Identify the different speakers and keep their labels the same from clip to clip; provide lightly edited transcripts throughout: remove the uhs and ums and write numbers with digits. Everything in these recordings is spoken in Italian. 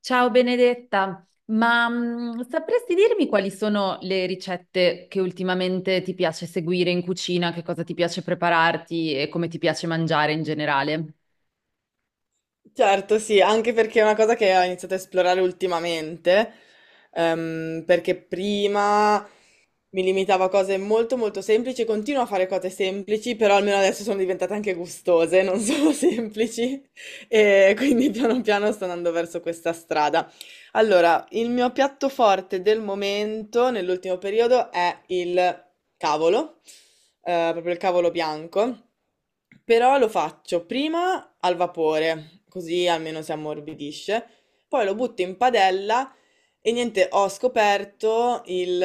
Speaker 1: Ciao Benedetta, sapresti dirmi quali sono le ricette che ultimamente ti piace seguire in cucina, che cosa ti piace prepararti e come ti piace mangiare in generale?
Speaker 2: Certo, sì, anche perché è una cosa che ho iniziato a esplorare ultimamente, perché prima mi limitavo a cose molto molto semplici, continuo a fare cose semplici, però almeno adesso sono diventate anche gustose, non solo semplici, e quindi piano piano sto andando verso questa strada. Allora, il mio piatto forte del momento, nell'ultimo periodo, è il cavolo, proprio il cavolo bianco, però lo faccio prima al vapore, così almeno si ammorbidisce, poi lo butto in padella e niente, ho scoperto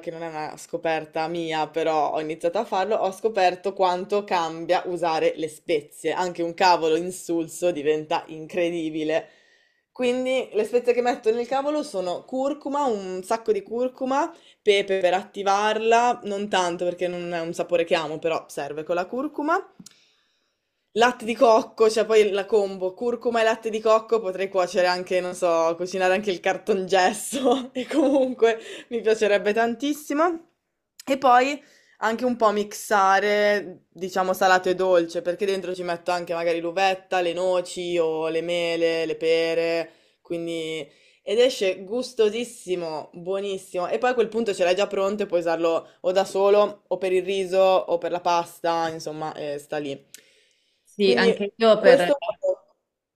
Speaker 2: che non è una scoperta mia, però ho iniziato a farlo, ho scoperto quanto cambia usare le spezie, anche un cavolo insulso diventa incredibile. Quindi le spezie che metto nel cavolo sono curcuma, un sacco di curcuma, pepe per attivarla, non tanto perché non è un sapore che amo, però serve con la curcuma. Latte di cocco, cioè poi la combo curcuma e latte di cocco, potrei cuocere anche, non so, cucinare anche il cartongesso e comunque mi piacerebbe tantissimo. E poi anche un po' mixare, diciamo, salato e dolce, perché dentro ci metto anche magari l'uvetta, le noci o le mele, le pere, quindi ed esce gustosissimo, buonissimo. E poi a quel punto ce l'hai già pronto e puoi usarlo o da solo, o per il riso, o per la pasta, insomma, sta lì.
Speaker 1: Sì,
Speaker 2: Quindi
Speaker 1: anche io per,
Speaker 2: questo.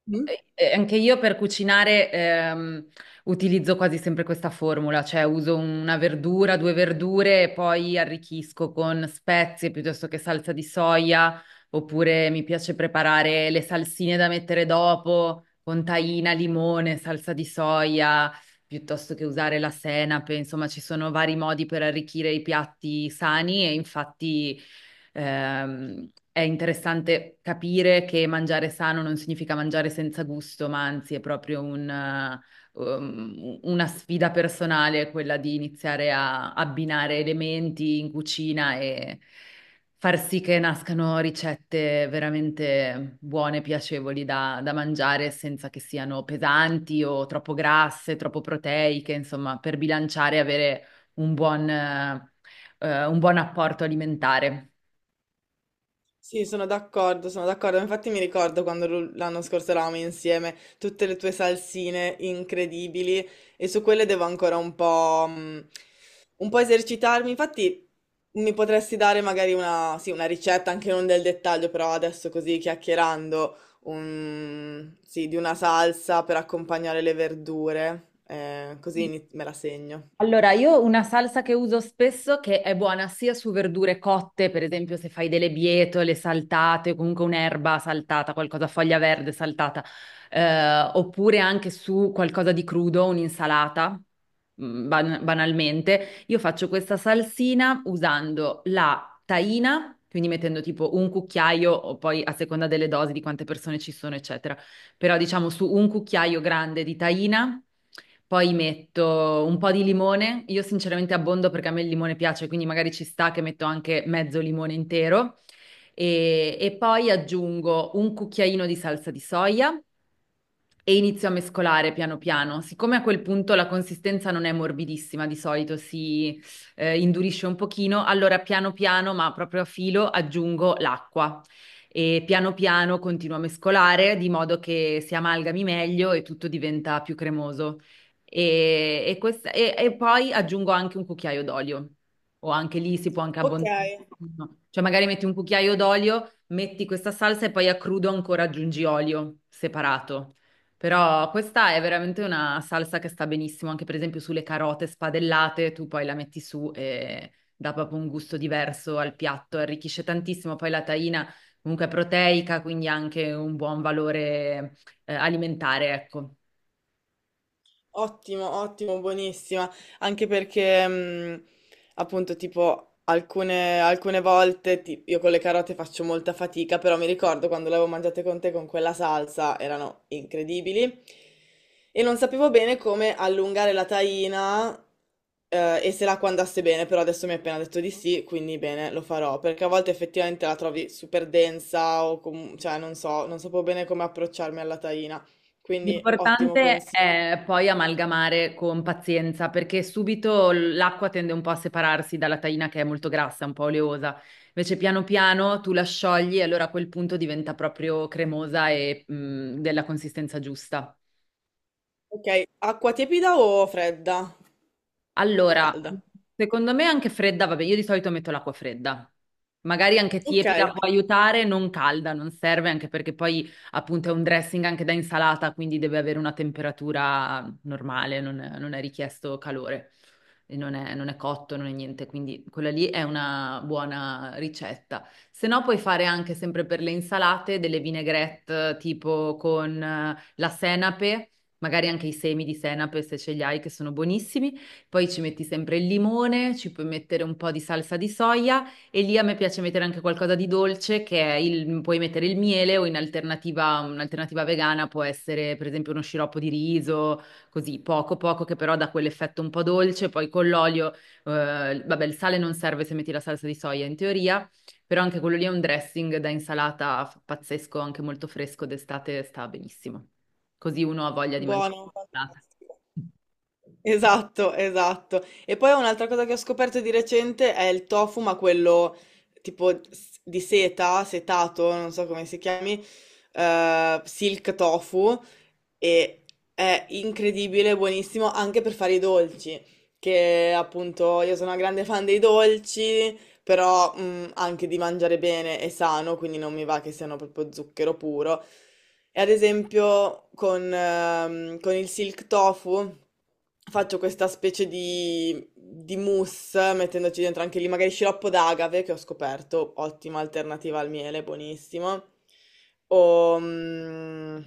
Speaker 2: Mm?
Speaker 1: Anche io per cucinare utilizzo quasi sempre questa formula, cioè uso una verdura, due verdure e poi arricchisco con spezie piuttosto che salsa di soia, oppure mi piace preparare le salsine da mettere dopo con tahina, limone, salsa di soia, piuttosto che usare la senape. Insomma, ci sono vari modi per arricchire i piatti sani e infatti è interessante capire che mangiare sano non significa mangiare senza gusto, ma anzi è proprio una sfida personale, quella di iniziare a abbinare elementi in cucina e far sì che nascano ricette veramente buone, piacevoli da mangiare senza che siano pesanti o troppo grasse, troppo proteiche. Insomma, per bilanciare e avere un un buon apporto alimentare.
Speaker 2: Sì, sono d'accordo, sono d'accordo. Infatti mi ricordo quando l'anno scorso eravamo insieme, tutte le tue salsine incredibili e su quelle devo ancora un po' esercitarmi. Infatti mi potresti dare magari una, sì, una ricetta, anche non del dettaglio, però adesso così chiacchierando, sì, di una salsa per accompagnare le verdure, così
Speaker 1: Sì.
Speaker 2: me la segno.
Speaker 1: Allora, io una salsa che uso spesso, che è buona sia su verdure cotte, per esempio se fai delle bietole saltate, o comunque un'erba saltata, qualcosa foglia verde saltata, oppure anche su qualcosa di crudo, un'insalata, banalmente. Io faccio questa salsina usando la tahina, quindi mettendo tipo un cucchiaio, o poi a seconda delle dosi di quante persone ci sono, eccetera. Però diciamo su un cucchiaio grande di tahina, poi metto un po' di limone, io sinceramente abbondo perché a me il limone piace, quindi magari ci sta che metto anche mezzo limone intero e poi aggiungo un cucchiaino di salsa di soia e inizio a mescolare piano piano. Siccome a quel punto la consistenza non è morbidissima, di solito si indurisce un pochino, allora piano piano, ma proprio a filo, aggiungo l'acqua e piano piano continua a mescolare di modo che si amalgami meglio e tutto diventa più cremoso. E poi aggiungo anche un cucchiaio d'olio, o anche lì si può anche
Speaker 2: Ok.
Speaker 1: abbondare. No? Cioè magari metti un cucchiaio d'olio, metti questa salsa e poi a crudo ancora aggiungi olio separato. Però questa è veramente una salsa che sta benissimo, anche per esempio sulle carote spadellate, tu poi la metti su e dà proprio un gusto diverso al piatto, arricchisce tantissimo. Poi la tahina comunque proteica, quindi anche un buon valore alimentare, ecco.
Speaker 2: Ottimo, ottimo, buonissima. Anche perché, appunto, tipo, alcune volte io con le carote faccio molta fatica, però mi ricordo quando le avevo mangiate con te con quella salsa, erano incredibili. E non sapevo bene come allungare la taina, e se l'acqua andasse bene, però adesso mi hai appena detto di sì, quindi bene, lo farò, perché a volte effettivamente la trovi super densa o cioè, non so, non sapevo bene come approcciarmi alla taina. Quindi ottimo
Speaker 1: L'importante
Speaker 2: consiglio.
Speaker 1: è poi amalgamare con pazienza, perché subito l'acqua tende un po' a separarsi dalla taina, che è molto grassa, un po' oleosa. Invece piano piano tu la sciogli e allora a quel punto diventa proprio cremosa e, della consistenza giusta.
Speaker 2: Ok, acqua tiepida o fredda? O
Speaker 1: Allora,
Speaker 2: calda?
Speaker 1: secondo me anche fredda. Vabbè, io di solito metto l'acqua fredda. Magari anche
Speaker 2: Ok,
Speaker 1: tiepida può aiutare, non calda, non serve, anche perché poi appunto è un dressing anche da insalata, quindi deve avere una temperatura normale, non è richiesto calore, e non è cotto, non è niente, quindi quella lì è una buona ricetta. Se no puoi fare anche sempre per le insalate delle vinaigrette tipo con la senape, magari anche i semi di senape se ce li hai, che sono buonissimi. Poi ci metti sempre il limone, ci puoi mettere un po' di salsa di soia e lì a me piace mettere anche qualcosa di dolce, che è il, puoi mettere il miele o in alternativa, un'alternativa vegana può essere per esempio uno sciroppo di riso, così poco poco che però dà quell'effetto un po' dolce. Poi con l'olio, vabbè, il sale non serve se metti la salsa di soia in teoria. Però anche quello lì è un dressing da insalata pazzesco, anche molto fresco d'estate, sta benissimo. Così uno ha voglia di
Speaker 2: buono,
Speaker 1: mangiare.
Speaker 2: fantastico. Esatto, esatto. E poi un'altra cosa che ho scoperto di recente è il tofu, ma quello tipo di seta, setato, non so come si chiami, silk tofu, e è incredibile, buonissimo anche per fare i dolci, che appunto io sono una grande fan dei dolci, però anche di mangiare bene e sano, quindi non mi va che siano proprio zucchero puro. E ad esempio con il silk tofu faccio questa specie di mousse mettendoci dentro anche lì magari sciroppo d'agave che ho scoperto, ottima alternativa al miele, buonissimo. O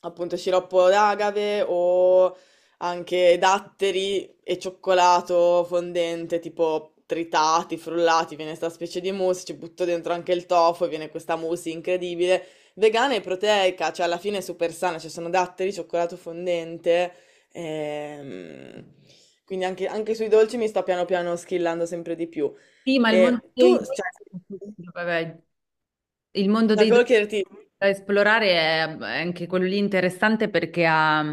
Speaker 2: appunto sciroppo d'agave o anche datteri e cioccolato fondente tipo tritati, frullati, viene questa specie di mousse, ci butto dentro anche il tofu e viene questa mousse incredibile. Vegana e proteica, cioè alla fine è super sana, ci sono datteri, cioccolato fondente, ehm, quindi anche sui dolci mi sto piano piano schillando sempre di più.
Speaker 1: Sì, ma il Monte
Speaker 2: E
Speaker 1: dei...
Speaker 2: tu, cioè,
Speaker 1: Vabbè, il mondo
Speaker 2: la che
Speaker 1: dei
Speaker 2: volevo
Speaker 1: dolci
Speaker 2: chiederti,
Speaker 1: da esplorare è anche quello lì interessante, perché ha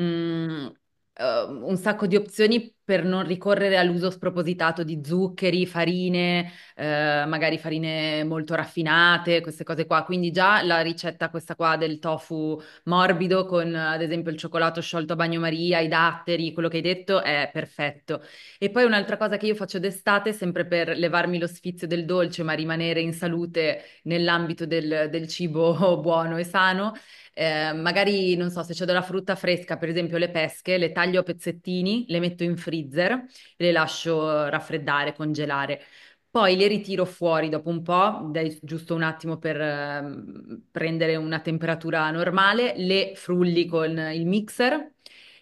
Speaker 1: mm, un sacco di opzioni per non ricorrere all'uso spropositato di zuccheri, farine, magari farine molto raffinate, queste cose qua. Quindi già la ricetta questa qua del tofu morbido con, ad esempio, il cioccolato sciolto a bagnomaria, i datteri, quello che hai detto è perfetto. E poi un'altra cosa che io faccio d'estate, sempre per levarmi lo sfizio del dolce, ma rimanere in salute nell'ambito del cibo buono e sano. Magari, non so, se c'è della frutta fresca, per esempio le pesche, le taglio a pezzettini, le metto in freezer, le lascio raffreddare, congelare. Poi le ritiro fuori dopo un po', dai giusto un attimo per prendere una temperatura normale, le frulli con il mixer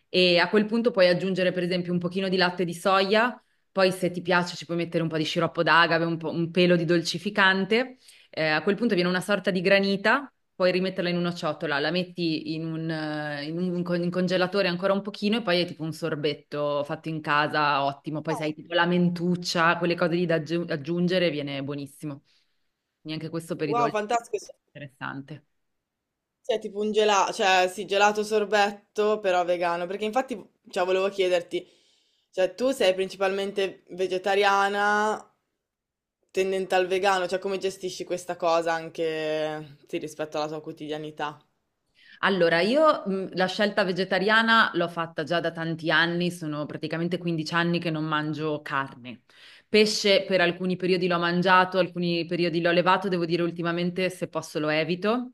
Speaker 1: e a quel punto puoi aggiungere per esempio un pochino di latte di soia. Poi se ti piace ci puoi mettere un po' di sciroppo d'agave, un po', un pelo di dolcificante. A quel punto viene una sorta di granita, puoi rimetterla in una ciotola, la metti in un con- in congelatore ancora un pochino e poi è tipo un sorbetto fatto in casa, ottimo. Poi sai, tipo la mentuccia, quelle cose lì da aggiungere, viene buonissimo. Neanche questo per i
Speaker 2: wow,
Speaker 1: dolci,
Speaker 2: fantastico,
Speaker 1: interessante.
Speaker 2: sei tipo un gelato, cioè sì, gelato sorbetto, però vegano, perché infatti, cioè, volevo chiederti, cioè, tu sei principalmente vegetariana, tendente al vegano, cioè come gestisci questa cosa anche sì, rispetto alla tua quotidianità?
Speaker 1: Allora, io, la scelta vegetariana l'ho fatta già da tanti anni, sono praticamente 15 anni che non mangio carne. Pesce per alcuni periodi l'ho mangiato, alcuni periodi l'ho levato, devo dire ultimamente se posso lo evito.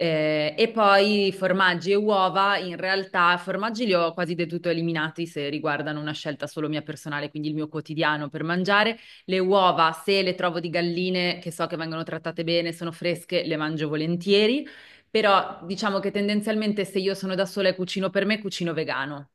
Speaker 1: E poi formaggi e uova, in realtà formaggi li ho quasi del tutto eliminati se riguardano una scelta solo mia personale, quindi il mio quotidiano per mangiare. Le uova, se le trovo di galline che so che vengono trattate bene, sono fresche, le mangio volentieri. Però diciamo che tendenzialmente se io sono da sola e cucino per me, cucino vegano.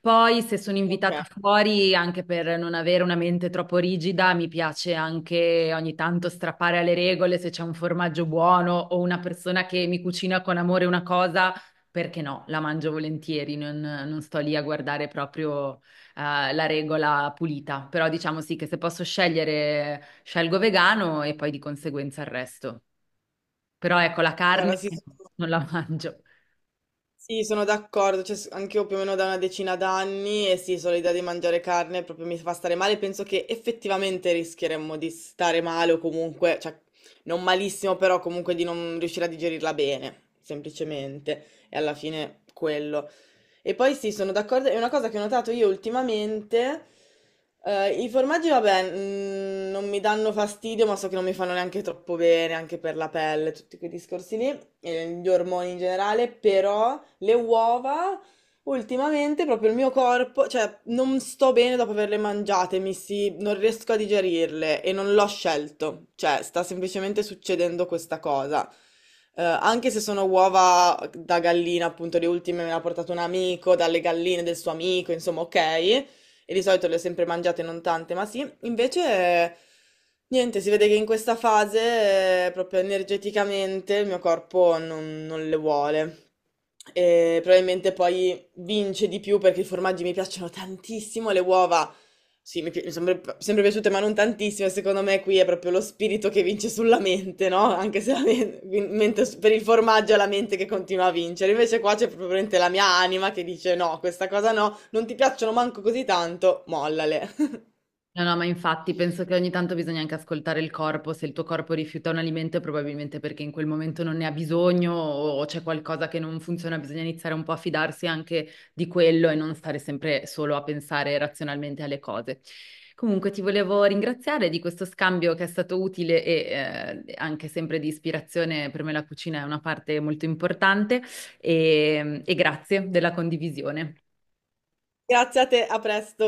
Speaker 1: Poi se sono
Speaker 2: Ok,
Speaker 1: invitata fuori, anche per non avere una mente troppo rigida, mi piace anche ogni tanto strappare alle regole. Se c'è un formaggio buono o una persona che mi cucina con amore una cosa, perché no, la mangio volentieri, non sto lì a guardare proprio la regola pulita. Però diciamo sì che se posso scegliere, scelgo vegano e poi di conseguenza il resto. Però ecco, la carne
Speaker 2: guarda, sì, sono
Speaker 1: non la mangio.
Speaker 2: sì, sono d'accordo, cioè, anche io più o meno da una decina d'anni e sì, solo l'idea di mangiare carne proprio mi fa stare male, penso che effettivamente rischieremmo di stare male o comunque, cioè non malissimo, però comunque di non riuscire a digerirla bene, semplicemente, e alla fine quello. E poi sì, sono d'accordo, è una cosa che ho notato io ultimamente. I formaggi, vabbè, non mi danno fastidio, ma so che non mi fanno neanche troppo bene, anche per la pelle, tutti quei discorsi lì, e gli ormoni in generale, però le uova. Ultimamente proprio il mio corpo, cioè non sto bene dopo averle mangiate, non riesco a digerirle e non l'ho scelto, cioè sta semplicemente succedendo questa cosa. Anche se sono uova da gallina, appunto, le ultime me le ha portato un amico, dalle galline del suo amico, insomma, ok, e di solito le ho sempre mangiate, non tante, ma sì, invece niente, si vede che in questa fase proprio energeticamente il mio corpo non le vuole. E probabilmente poi vince di più perché i formaggi mi piacciono tantissimo, le uova sì, mi sono sempre piaciute, ma non tantissime. Secondo me qui è proprio lo spirito che vince sulla mente, no? Anche se mentre per il formaggio è la mente che continua a vincere. Invece qua c'è proprio veramente la mia anima che dice no, questa cosa no. Non ti piacciono manco così tanto, mollale.
Speaker 1: No, no, ma infatti penso che ogni tanto bisogna anche ascoltare il corpo. Se il tuo corpo rifiuta un alimento è probabilmente perché in quel momento non ne ha bisogno o c'è qualcosa che non funziona, bisogna iniziare un po' a fidarsi anche di quello e non stare sempre solo a pensare razionalmente alle cose. Comunque ti volevo ringraziare di questo scambio, che è stato utile e, anche sempre di ispirazione. Per me la cucina è una parte molto importante e grazie della condivisione.
Speaker 2: Grazie a te, a presto.